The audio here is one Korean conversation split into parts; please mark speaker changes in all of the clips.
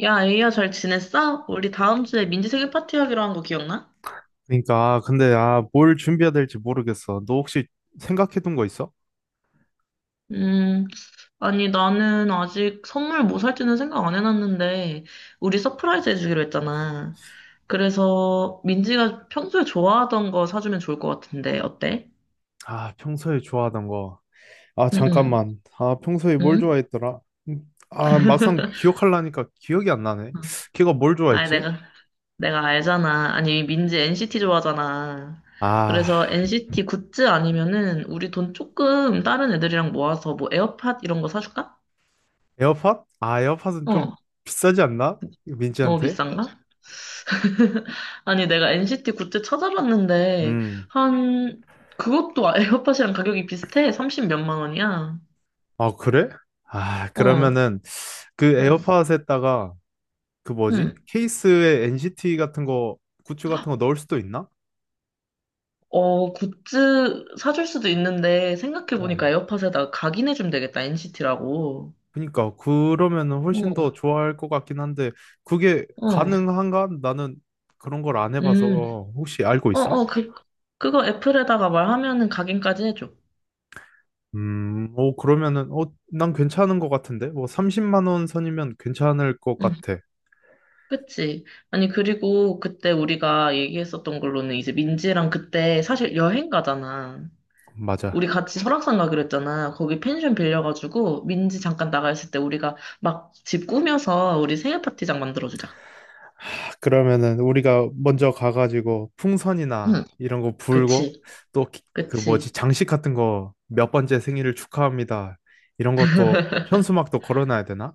Speaker 1: 야, 에이야, 잘 지냈어? 우리 다음 주에 민지 생일 파티 하기로 한 거 기억나?
Speaker 2: 그러니까 아, 근데 아, 뭘 준비해야 될지 모르겠어. 너 혹시 생각해둔 거 있어?
Speaker 1: 음, 아니, 나는 아직 선물 뭐 살지는 생각 안 해놨는데, 우리 서프라이즈 해주기로 했잖아. 그래서 민지가 평소에 좋아하던 거 사주면 좋을 것 같은데, 어때?
Speaker 2: 아, 평소에 좋아하던 거. 아,
Speaker 1: 응, 응,
Speaker 2: 잠깐만. 아, 평소에 뭘
Speaker 1: 응?
Speaker 2: 좋아했더라? 아, 막상 기억하려니까 기억이 안 나네. 걔가 뭘
Speaker 1: 아니,
Speaker 2: 좋아했지?
Speaker 1: 내가 알잖아. 아니, 민지 NCT 좋아하잖아.
Speaker 2: 아,
Speaker 1: 그래서 NCT 굿즈 아니면은 우리 돈 조금 다른 애들이랑 모아서 뭐 에어팟 이런 거 사줄까?
Speaker 2: 에어팟? 아, 에어팟은 좀
Speaker 1: 어.
Speaker 2: 비싸지 않나?
Speaker 1: 너무
Speaker 2: 민지한테?
Speaker 1: 비싼가? 아니, 내가 NCT 굿즈 찾아봤는데,
Speaker 2: 음.
Speaker 1: 한, 그것도 아, 에어팟이랑 가격이 비슷해. 30 몇만 원이야.
Speaker 2: 아, 그래? 아,
Speaker 1: 어,
Speaker 2: 그러면은 그
Speaker 1: 응,
Speaker 2: 에어팟에다가 그 뭐지?
Speaker 1: 응.
Speaker 2: 케이스에 NCT 같은 거, 굿즈 같은 거 넣을 수도 있나?
Speaker 1: 어, 굿즈 사줄 수도 있는데,
Speaker 2: 어.
Speaker 1: 생각해보니까 에어팟에다가 각인해주면 되겠다, NCT라고.
Speaker 2: 그러니까 그러면은 훨씬 더
Speaker 1: 어,
Speaker 2: 좋아할 것 같긴 한데 그게
Speaker 1: 어,
Speaker 2: 가능한가? 나는 그런 걸 안
Speaker 1: 음.
Speaker 2: 해봐서 혹시 알고
Speaker 1: 어,
Speaker 2: 있어?
Speaker 1: 어, 그거 애플에다가 말하면은 각인까지 해줘.
Speaker 2: 어 그러면은 어 난 괜찮은 것 같은데 뭐 30만 원 선이면 괜찮을 것
Speaker 1: 응,
Speaker 2: 같아.
Speaker 1: 그치. 아니, 그리고 그때 우리가 얘기했었던 걸로는 이제 민지랑 그때 사실 여행 가잖아. 우리
Speaker 2: 맞아.
Speaker 1: 같이 설악산 가기로 했잖아. 거기 펜션 빌려가지고 민지 잠깐 나가 있을 때 우리가 막 집 꾸며서 우리 생일 파티장 만들어주자.
Speaker 2: 하, 그러면은 우리가 먼저 가가지고 풍선이나
Speaker 1: 응,
Speaker 2: 이런 거 불고
Speaker 1: 그치,
Speaker 2: 또 그 뭐지
Speaker 1: 그치,
Speaker 2: 장식 같은 거 몇 번째 생일을 축하합니다. 이런 것도 현수막도 걸어놔야 되나?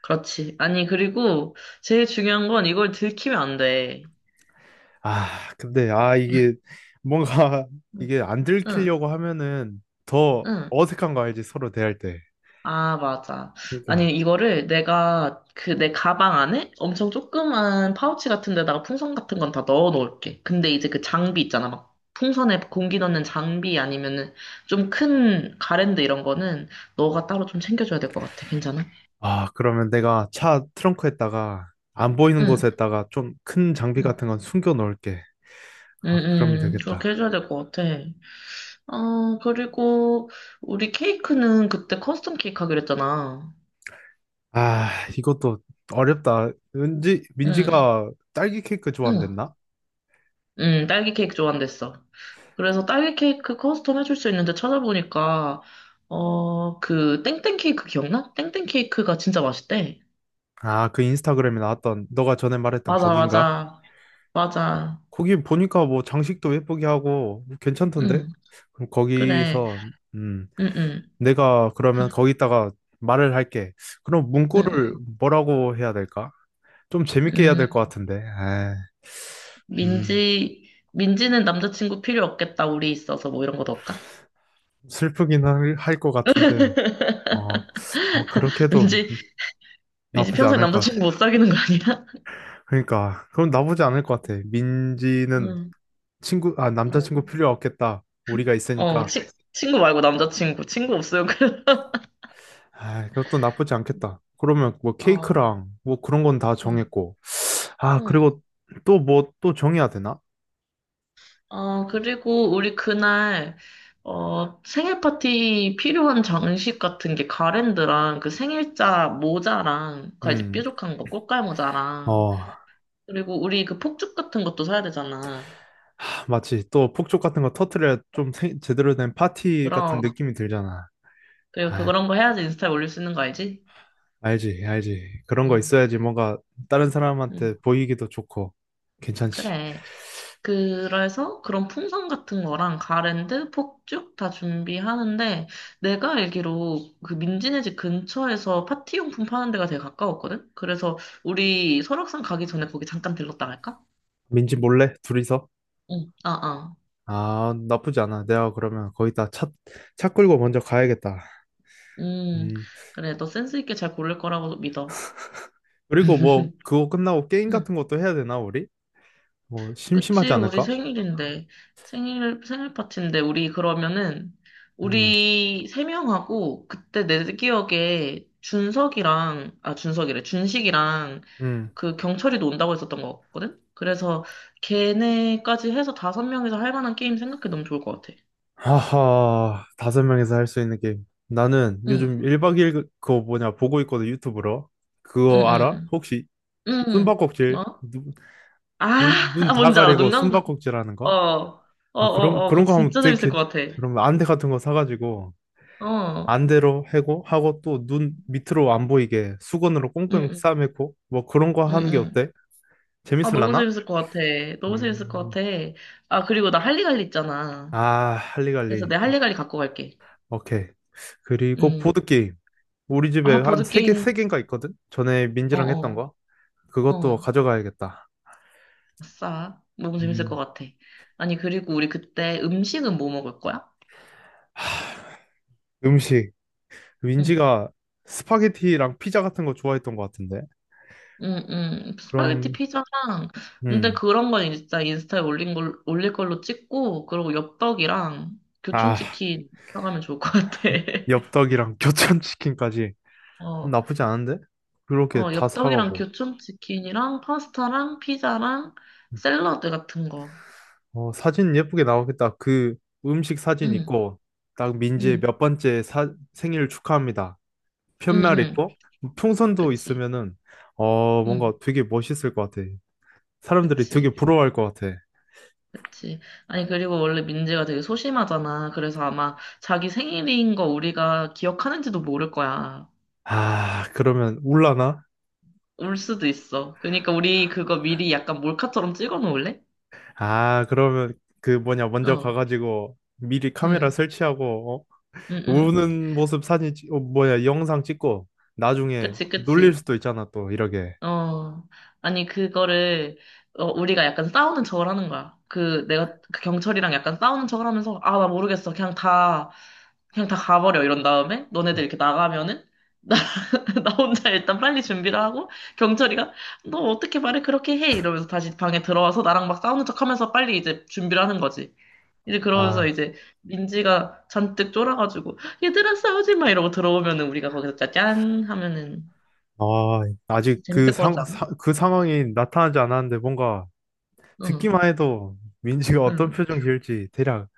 Speaker 1: 그렇지. 아니, 그리고 제일 중요한 건 이걸 들키면 안 돼.
Speaker 2: 아, 근데, 아, 이게, 뭔가, 이게 안
Speaker 1: 응,
Speaker 2: 들키려고 하면은 더
Speaker 1: 응.
Speaker 2: 어색한 거 알지, 서로 대할 때.
Speaker 1: 아, 맞아. 아니,
Speaker 2: 그러니까,
Speaker 1: 이거를 내가 그 내 가방 안에 엄청 조그만 파우치 같은 데다가 풍선 같은 건 다 넣어 놓을게. 근데 이제 그 장비 있잖아. 막 풍선에 공기 넣는 장비 아니면은 좀 큰 가랜드 이런 거는 너가 따로 좀 챙겨줘야 될 것 같아. 괜찮아?
Speaker 2: 아, 그러면 내가 차 트렁크에다가, 안 보이는
Speaker 1: 응,
Speaker 2: 곳에다가 좀 큰 장비
Speaker 1: 응,
Speaker 2: 같은 건 숨겨 놓을게.
Speaker 1: 응,
Speaker 2: 아, 그러면
Speaker 1: 응.
Speaker 2: 되겠다.
Speaker 1: 그렇게 해줘야 될 것 같아. 어, 그리고 우리 케이크는 그때 커스텀 케이크 하기로 했잖아.
Speaker 2: 아, 이것도 어렵다. 은지,
Speaker 1: 응,
Speaker 2: 민지가 딸기 케이크
Speaker 1: 응.
Speaker 2: 좋아한댔나?
Speaker 1: 딸기 케이크 좋아한댔어. 그래서 딸기 케이크 커스텀 해줄 수 있는데 찾아보니까, 어, 그, 땡땡 케이크 기억나? 땡땡 케이크가 진짜 맛있대.
Speaker 2: 아, 그 인스타그램에 나왔던, 너가 전에 말했던
Speaker 1: 맞아,
Speaker 2: 거긴가?
Speaker 1: 맞아, 맞아.
Speaker 2: 거기 보니까 뭐 장식도 예쁘게 하고, 괜찮던데?
Speaker 1: 응,
Speaker 2: 그럼
Speaker 1: 그래.
Speaker 2: 거기서, 음.
Speaker 1: 응, 응,
Speaker 2: 내가 그러면 거기다가 말을 할게. 그럼
Speaker 1: 응,
Speaker 2: 문구를
Speaker 1: 응.
Speaker 2: 뭐라고 해야 될까? 좀 재밌게 해야 될
Speaker 1: 응.
Speaker 2: 것 같은데. 에 음,
Speaker 1: 민지는 남자친구 필요 없겠다, 우리 있어서 뭐 이런 거 넣을까?
Speaker 2: 슬프긴 할 것 같은데. 어, 아, 그렇게 해도
Speaker 1: 민지, 민지
Speaker 2: 나쁘지
Speaker 1: 평생
Speaker 2: 않을 것 같아.
Speaker 1: 남자친구 못 사귀는 거 아니야?
Speaker 2: 그러니까, 그럼 나쁘지 않을 것 같아. 민지는
Speaker 1: 응.
Speaker 2: 친구, 아, 남자친구 필요 없겠다. 우리가
Speaker 1: 어,
Speaker 2: 있으니까.
Speaker 1: 친구 말고 남자친구. 친구 없어요, 그래.
Speaker 2: 아, 그것도 나쁘지 않겠다. 그러면 뭐
Speaker 1: 어,
Speaker 2: 케이크랑 뭐 그런 건 다
Speaker 1: 응,
Speaker 2: 정했고. 아,
Speaker 1: 응.
Speaker 2: 그리고 또 뭐 또 정해야 되나?
Speaker 1: 어, 그리고 우리 그날, 어, 생일 파티 필요한 장식 같은 게 가랜드랑 그 생일자 모자랑, 그 이제
Speaker 2: 음.
Speaker 1: 뾰족한 거, 꽃갈 모자랑,
Speaker 2: 어,
Speaker 1: 그리고 우리 그 폭죽 같은 것도 사야 되잖아.
Speaker 2: 하, 마치 또 폭죽 같은 거 터트려야 좀 제대로 된 파티 같은
Speaker 1: 그럼,
Speaker 2: 느낌이 들잖아.
Speaker 1: 그리고 그런 거 해야지 인스타에 올릴 수 있는 거 알지?
Speaker 2: 알지, 알지. 그런 거
Speaker 1: 응,
Speaker 2: 있어야지 뭔가 다른
Speaker 1: 응.
Speaker 2: 사람한테 보이기도 좋고 괜찮지.
Speaker 1: 그래. 그래서 그런 풍선 같은 거랑 가랜드, 폭죽 다 준비하는데 내가 알기로 그 민지네 집 근처에서 파티용품 파는 데가 되게 가까웠거든? 그래서 우리 설악산 가기 전에 거기 잠깐 들렀다 갈까?
Speaker 2: 민지 몰래 둘이서?
Speaker 1: 응, 아, 아.
Speaker 2: 아, 나쁘지 않아. 내가 그러면 거기다 차 끌고 먼저 가야겠다.
Speaker 1: 음,
Speaker 2: 음.
Speaker 1: 그래, 너 센스 있게 잘 고를 거라고 믿어.
Speaker 2: 그리고 뭐 그거 끝나고 게임
Speaker 1: 응.
Speaker 2: 같은 것도 해야 되나 우리? 뭐 심심하지
Speaker 1: 그치, 우리
Speaker 2: 않을까?
Speaker 1: 생일인데. 생일 파티인데, 우리 그러면은,
Speaker 2: 음,
Speaker 1: 우리 세 명하고, 그때 내 기억에 준석이랑, 아, 준석이래, 준식이랑,
Speaker 2: 음.
Speaker 1: 그 경철이도 온다고 했었던 것 같거든? 그래서 걔네까지 해서 다섯 명이서 할 만한 게임 생각해 너무 좋을 것 같아.
Speaker 2: 하하, 다섯 명이서 할 수 있는 게임. 나는
Speaker 1: 응,
Speaker 2: 요즘 1박 2일 그거 뭐냐 보고 있거든 유튜브로.
Speaker 1: 응,
Speaker 2: 그거 알아?
Speaker 1: 응,
Speaker 2: 혹시
Speaker 1: 응,
Speaker 2: 숨바꼭질
Speaker 1: 뭐?
Speaker 2: 눈
Speaker 1: 아,
Speaker 2: 눈 다
Speaker 1: 뭔지 알아,
Speaker 2: 가리고
Speaker 1: 눈 감고.
Speaker 2: 숨바꼭질 하는
Speaker 1: 어,
Speaker 2: 거?
Speaker 1: 어, 어,
Speaker 2: 아 그런
Speaker 1: 어, 그거
Speaker 2: 그런 거 하면
Speaker 1: 진짜
Speaker 2: 되게
Speaker 1: 재밌을 것 같아.
Speaker 2: 그러면 안대 같은 거 사가지고
Speaker 1: 어,
Speaker 2: 안대로 해고 하고 또 눈 밑으로 안 보이게 수건으로
Speaker 1: 응,
Speaker 2: 꽁꽁
Speaker 1: 응,
Speaker 2: 싸매고 뭐 그런 거
Speaker 1: 응,
Speaker 2: 하는 게
Speaker 1: 응.
Speaker 2: 어때?
Speaker 1: 아, 너무
Speaker 2: 재밌을라나?
Speaker 1: 재밌을 것 같아. 너무 재밌을 것
Speaker 2: 음,
Speaker 1: 같아. 아, 그리고 나 할리갈리 있잖아.
Speaker 2: 아
Speaker 1: 그래서
Speaker 2: 할리갈리.
Speaker 1: 내 할리갈리 갖고 갈게.
Speaker 2: 오케이. 그리고
Speaker 1: 응.
Speaker 2: 보드게임. 우리 집에
Speaker 1: 아,
Speaker 2: 한 세
Speaker 1: 보드게임.
Speaker 2: 개인가 있거든? 전에
Speaker 1: 어,
Speaker 2: 민지랑 했던
Speaker 1: 어,
Speaker 2: 거? 그것도
Speaker 1: 어.
Speaker 2: 가져가야겠다.
Speaker 1: 아싸. 너무 재밌을 것
Speaker 2: 음.
Speaker 1: 같아. 아니, 그리고 우리 그때 음식은 뭐 먹을 거야?
Speaker 2: 음식.
Speaker 1: 응.
Speaker 2: 민지가 스파게티랑 피자 같은 거 좋아했던 것 같은데.
Speaker 1: 응, 응. 스파게티
Speaker 2: 그럼,
Speaker 1: 피자랑. 근데
Speaker 2: 음.
Speaker 1: 그런 건 진짜 인스타에 올린 걸, 올릴 걸로 찍고, 그리고 엽떡이랑
Speaker 2: 아,
Speaker 1: 교촌치킨 사가면 좋을 것 같아.
Speaker 2: 엽떡이랑 교촌치킨까지.
Speaker 1: 어.
Speaker 2: 나쁘지 않은데? 그렇게
Speaker 1: 어,
Speaker 2: 다
Speaker 1: 엽떡이랑
Speaker 2: 사가고.
Speaker 1: 교촌치킨이랑 파스타랑 피자랑 샐러드 같은 거.
Speaker 2: 어, 사진 예쁘게 나오겠다. 그 음식 사진
Speaker 1: 응,
Speaker 2: 있고, 딱 민지의
Speaker 1: 응,
Speaker 2: 몇 번째 생일 축하합니다.
Speaker 1: 응,
Speaker 2: 편말
Speaker 1: 응.
Speaker 2: 있고, 풍선도
Speaker 1: 그치.
Speaker 2: 있으면은, 어, 뭔가
Speaker 1: 응,
Speaker 2: 되게 멋있을 것 같아. 사람들이
Speaker 1: 그치.
Speaker 2: 되게 부러워할 것 같아.
Speaker 1: 그치. 아니, 그리고 원래 민지가 되게 소심하잖아. 그래서 아마 자기 생일인 거 우리가 기억하는지도 모를 거야.
Speaker 2: 아, 그러면 울라나?
Speaker 1: 울 수도 있어. 그러니까 우리 그거 미리 약간 몰카처럼 찍어 놓을래?
Speaker 2: 아, 그러면 그 뭐냐, 먼저
Speaker 1: 어,
Speaker 2: 가가지고 미리 카메라
Speaker 1: 응,
Speaker 2: 설치하고, 어?
Speaker 1: 응,
Speaker 2: 음.
Speaker 1: 응.
Speaker 2: 우는 모습 사진, 영상 찍고, 나중에
Speaker 1: 그치,
Speaker 2: 놀릴
Speaker 1: 그치.
Speaker 2: 수도 있잖아, 또, 이렇게.
Speaker 1: 어, 아니, 그거를, 어, 우리가 약간 싸우는 척을 하는 거야. 그, 내가, 그 경찰이랑 약간 싸우는 척을 하면서, 아, 나 모르겠어. 그냥 다, 그냥 다 가버려. 이런 다음에, 너네들 이렇게 나가면은, 나, 나 혼자 일단 빨리 준비를 하고, 경찰이가, 너 어떻게 말을 그렇게 해? 이러면서 다시 방에 들어와서 나랑 막 싸우는 척 하면서 빨리 이제 준비를 하는 거지. 이제 그러면서
Speaker 2: 아,
Speaker 1: 이제 민지가 잔뜩 쫄아가지고, 얘들아 싸우지 마! 이러고 들어오면은 우리가 거기서 짜잔! 하면은,
Speaker 2: 아, 아직 그
Speaker 1: 재밌을 것 같지 않아?
Speaker 2: 그 상황이 나타나지 않았는데, 뭔가
Speaker 1: 응.
Speaker 2: 듣기만 해도 민지가 어떤
Speaker 1: 응.
Speaker 2: 표정 지을지 대략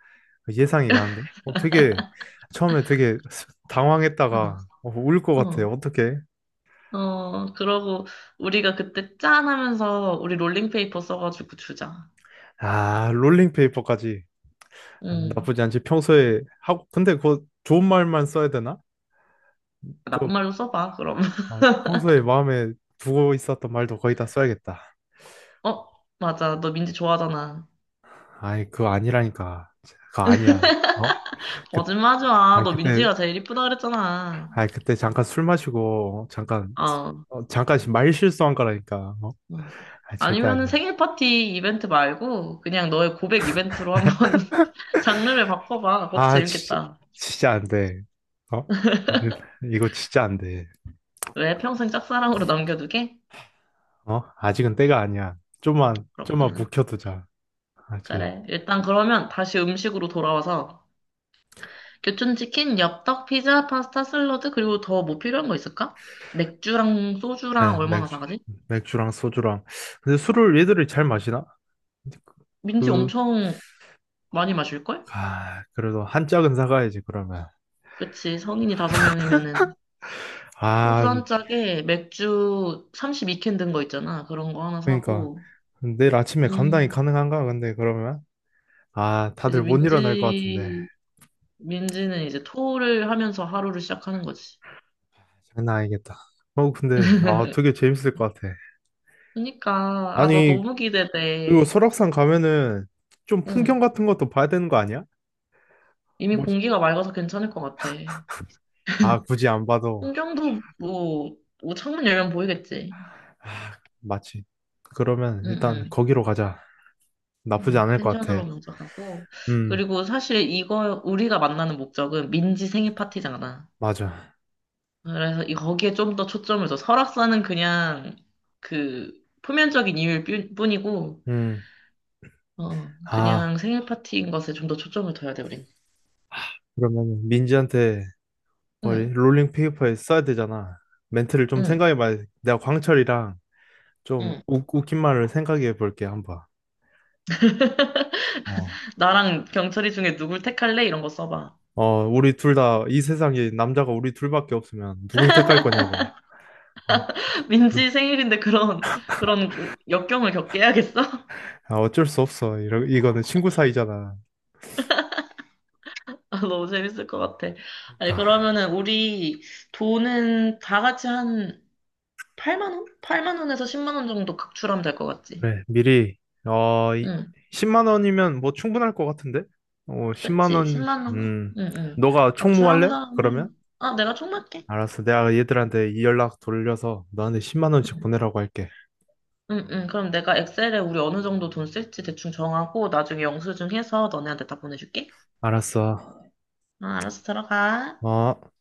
Speaker 2: 예상이 가는데? 어, 되게, 처음에 되게
Speaker 1: 응,
Speaker 2: 당황했다가, 어, 울것 같아.
Speaker 1: 응.
Speaker 2: 어떡해?
Speaker 1: 어, 그러고 우리가 그때 짠 하면서 우리 롤링페이퍼 써가지고 주자.
Speaker 2: 아, 롤링페이퍼까지. 아,
Speaker 1: 응.
Speaker 2: 나쁘지 않지. 평소에 하고, 근데 그거 좋은 말만 써야 되나? 좀,
Speaker 1: 나쁜 말로 써봐, 그럼.
Speaker 2: 어, 평소에 마음에 두고 있었던 말도 거의 다 써야겠다.
Speaker 1: 어, 맞아. 너 민지 좋아하잖아.
Speaker 2: 아이, 그거 아니라니까. 그거 아니야. 어? 그,
Speaker 1: 거짓말하지 마.
Speaker 2: 아이,
Speaker 1: 너
Speaker 2: 그때,
Speaker 1: 민지가 제일 이쁘다 그랬잖아.
Speaker 2: 아이, 그때 잠깐 술 마시고, 잠깐,
Speaker 1: 어. 어.
Speaker 2: 어, 잠깐 말 실수한 거라니까. 어? 아, 절대
Speaker 1: 아니면은
Speaker 2: 아니야.
Speaker 1: 생일 파티 이벤트 말고 그냥 너의 고백 이벤트로 한번 장르를 바꿔봐. 그것도
Speaker 2: 아, 진짜,
Speaker 1: 재밌겠다.
Speaker 2: 진짜 안 돼. 어? 근데 이거 진짜 안 돼.
Speaker 1: 왜 평생 짝사랑으로 남겨두게?
Speaker 2: 어? 아직은 때가 아니야. 좀만
Speaker 1: 그렇구나.
Speaker 2: 묵혀두자. 알지?
Speaker 1: 그래. 일단 그러면 다시 음식으로 돌아와서 교촌치킨, 엽떡, 피자, 파스타, 샐러드, 그리고 더 뭐 필요한 거 있을까? 맥주랑 소주랑
Speaker 2: 네,
Speaker 1: 얼마나 사가지?
Speaker 2: 맥주랑 소주랑. 근데 술을 얘들이 잘 마시나?
Speaker 1: 민지
Speaker 2: 그,
Speaker 1: 엄청 많이 마실걸?
Speaker 2: 아, 그래도 한 짝은 사가야지, 그러면.
Speaker 1: 그치, 성인이 다섯 명이면은 소주
Speaker 2: 아,
Speaker 1: 한 짝에 맥주 32캔 든 거 있잖아. 그런 거 하나
Speaker 2: 그러니까.
Speaker 1: 사고,
Speaker 2: 내일 아침에 감당이
Speaker 1: 음,
Speaker 2: 가능한가? 근데 그러면? 아,
Speaker 1: 이제
Speaker 2: 다들 못 일어날 것 같은데.
Speaker 1: 민지, 민지는 이제 토를 하면서 하루를 시작하는 거지.
Speaker 2: 장난 아니겠다. 어, 근데, 아, 되게 재밌을 것 같아.
Speaker 1: 그니까, 너
Speaker 2: 아니,
Speaker 1: 너무
Speaker 2: 그리고
Speaker 1: 기대돼.
Speaker 2: 설악산 가면은 좀 풍경
Speaker 1: 응,
Speaker 2: 같은 것도 봐야 되는 거 아니야?
Speaker 1: 이미
Speaker 2: 뭐,
Speaker 1: 공기가 맑아서 괜찮을 것 같아.
Speaker 2: 아, 굳이 안 봐도
Speaker 1: 통정도 뭐, 뭐 창문 열면 보이겠지.
Speaker 2: 마치. 그러면 일단
Speaker 1: 응응.
Speaker 2: 거기로 가자. 나쁘지 않을 것
Speaker 1: 펜션으로
Speaker 2: 같아.
Speaker 1: 먼저 가고
Speaker 2: 음,
Speaker 1: 그리고 사실 이거 우리가 만나는 목적은 민지 생일 파티잖아.
Speaker 2: 맞아.
Speaker 1: 그래서 이 거기에 좀 더 초점을 둬. 설악산은 그냥 그 표면적인 이유일 뿐이고
Speaker 2: 음.
Speaker 1: 어
Speaker 2: 아,
Speaker 1: 그냥 생일 파티인 것에 좀 더 초점을 둬야 돼 우린.
Speaker 2: 그러면 민지한테 뭘
Speaker 1: 응.
Speaker 2: 롤링 페이퍼에 써야 되잖아. 멘트를 좀
Speaker 1: 응.
Speaker 2: 생각해봐야 돼. 내가 광철이랑 좀
Speaker 1: 응.
Speaker 2: 웃긴 말을 생각해 볼게, 한번. 어.
Speaker 1: 나랑 경철이 중에 누굴 택할래? 이런 거 써봐.
Speaker 2: 어, 우리 둘 다 이 세상에 남자가 우리 둘밖에 없으면 누굴 택할 거냐고. 어, 그래.
Speaker 1: 민지 생일인데 그런, 그런 역경을 겪게 해야겠어?
Speaker 2: 아, 어쩔 수 없어. 이거는 친구 사이잖아.
Speaker 1: 아, 너무 재밌을 것 같아. 아니,
Speaker 2: 그러니까.
Speaker 1: 그러면은 우리 돈은 다 같이 한 8만 원? 8만 원에서 10만 원 정도 각출하면 될 것 같지?
Speaker 2: 그래, 미리, 어, 이,
Speaker 1: 응,
Speaker 2: 10만 원이면 뭐 충분할 것 같은데? 어, 10만
Speaker 1: 그치.
Speaker 2: 원,
Speaker 1: 10만 원. 응, 응.
Speaker 2: 너가
Speaker 1: 각출한
Speaker 2: 총무할래?
Speaker 1: 다음에.
Speaker 2: 그러면?
Speaker 1: 아, 내가 총맞게.
Speaker 2: 알았어. 내가 얘들한테 이 연락 돌려서 너한테 10만 원씩
Speaker 1: 응,
Speaker 2: 보내라고 할게.
Speaker 1: 응, 응. 그럼 내가 엑셀에 우리 어느 정도 돈 쓸지 대충 정하고 나중에 영수증 해서 너네한테 다 보내줄게.
Speaker 2: 알았어.
Speaker 1: 아, 알았어. 들어가.
Speaker 2: 어.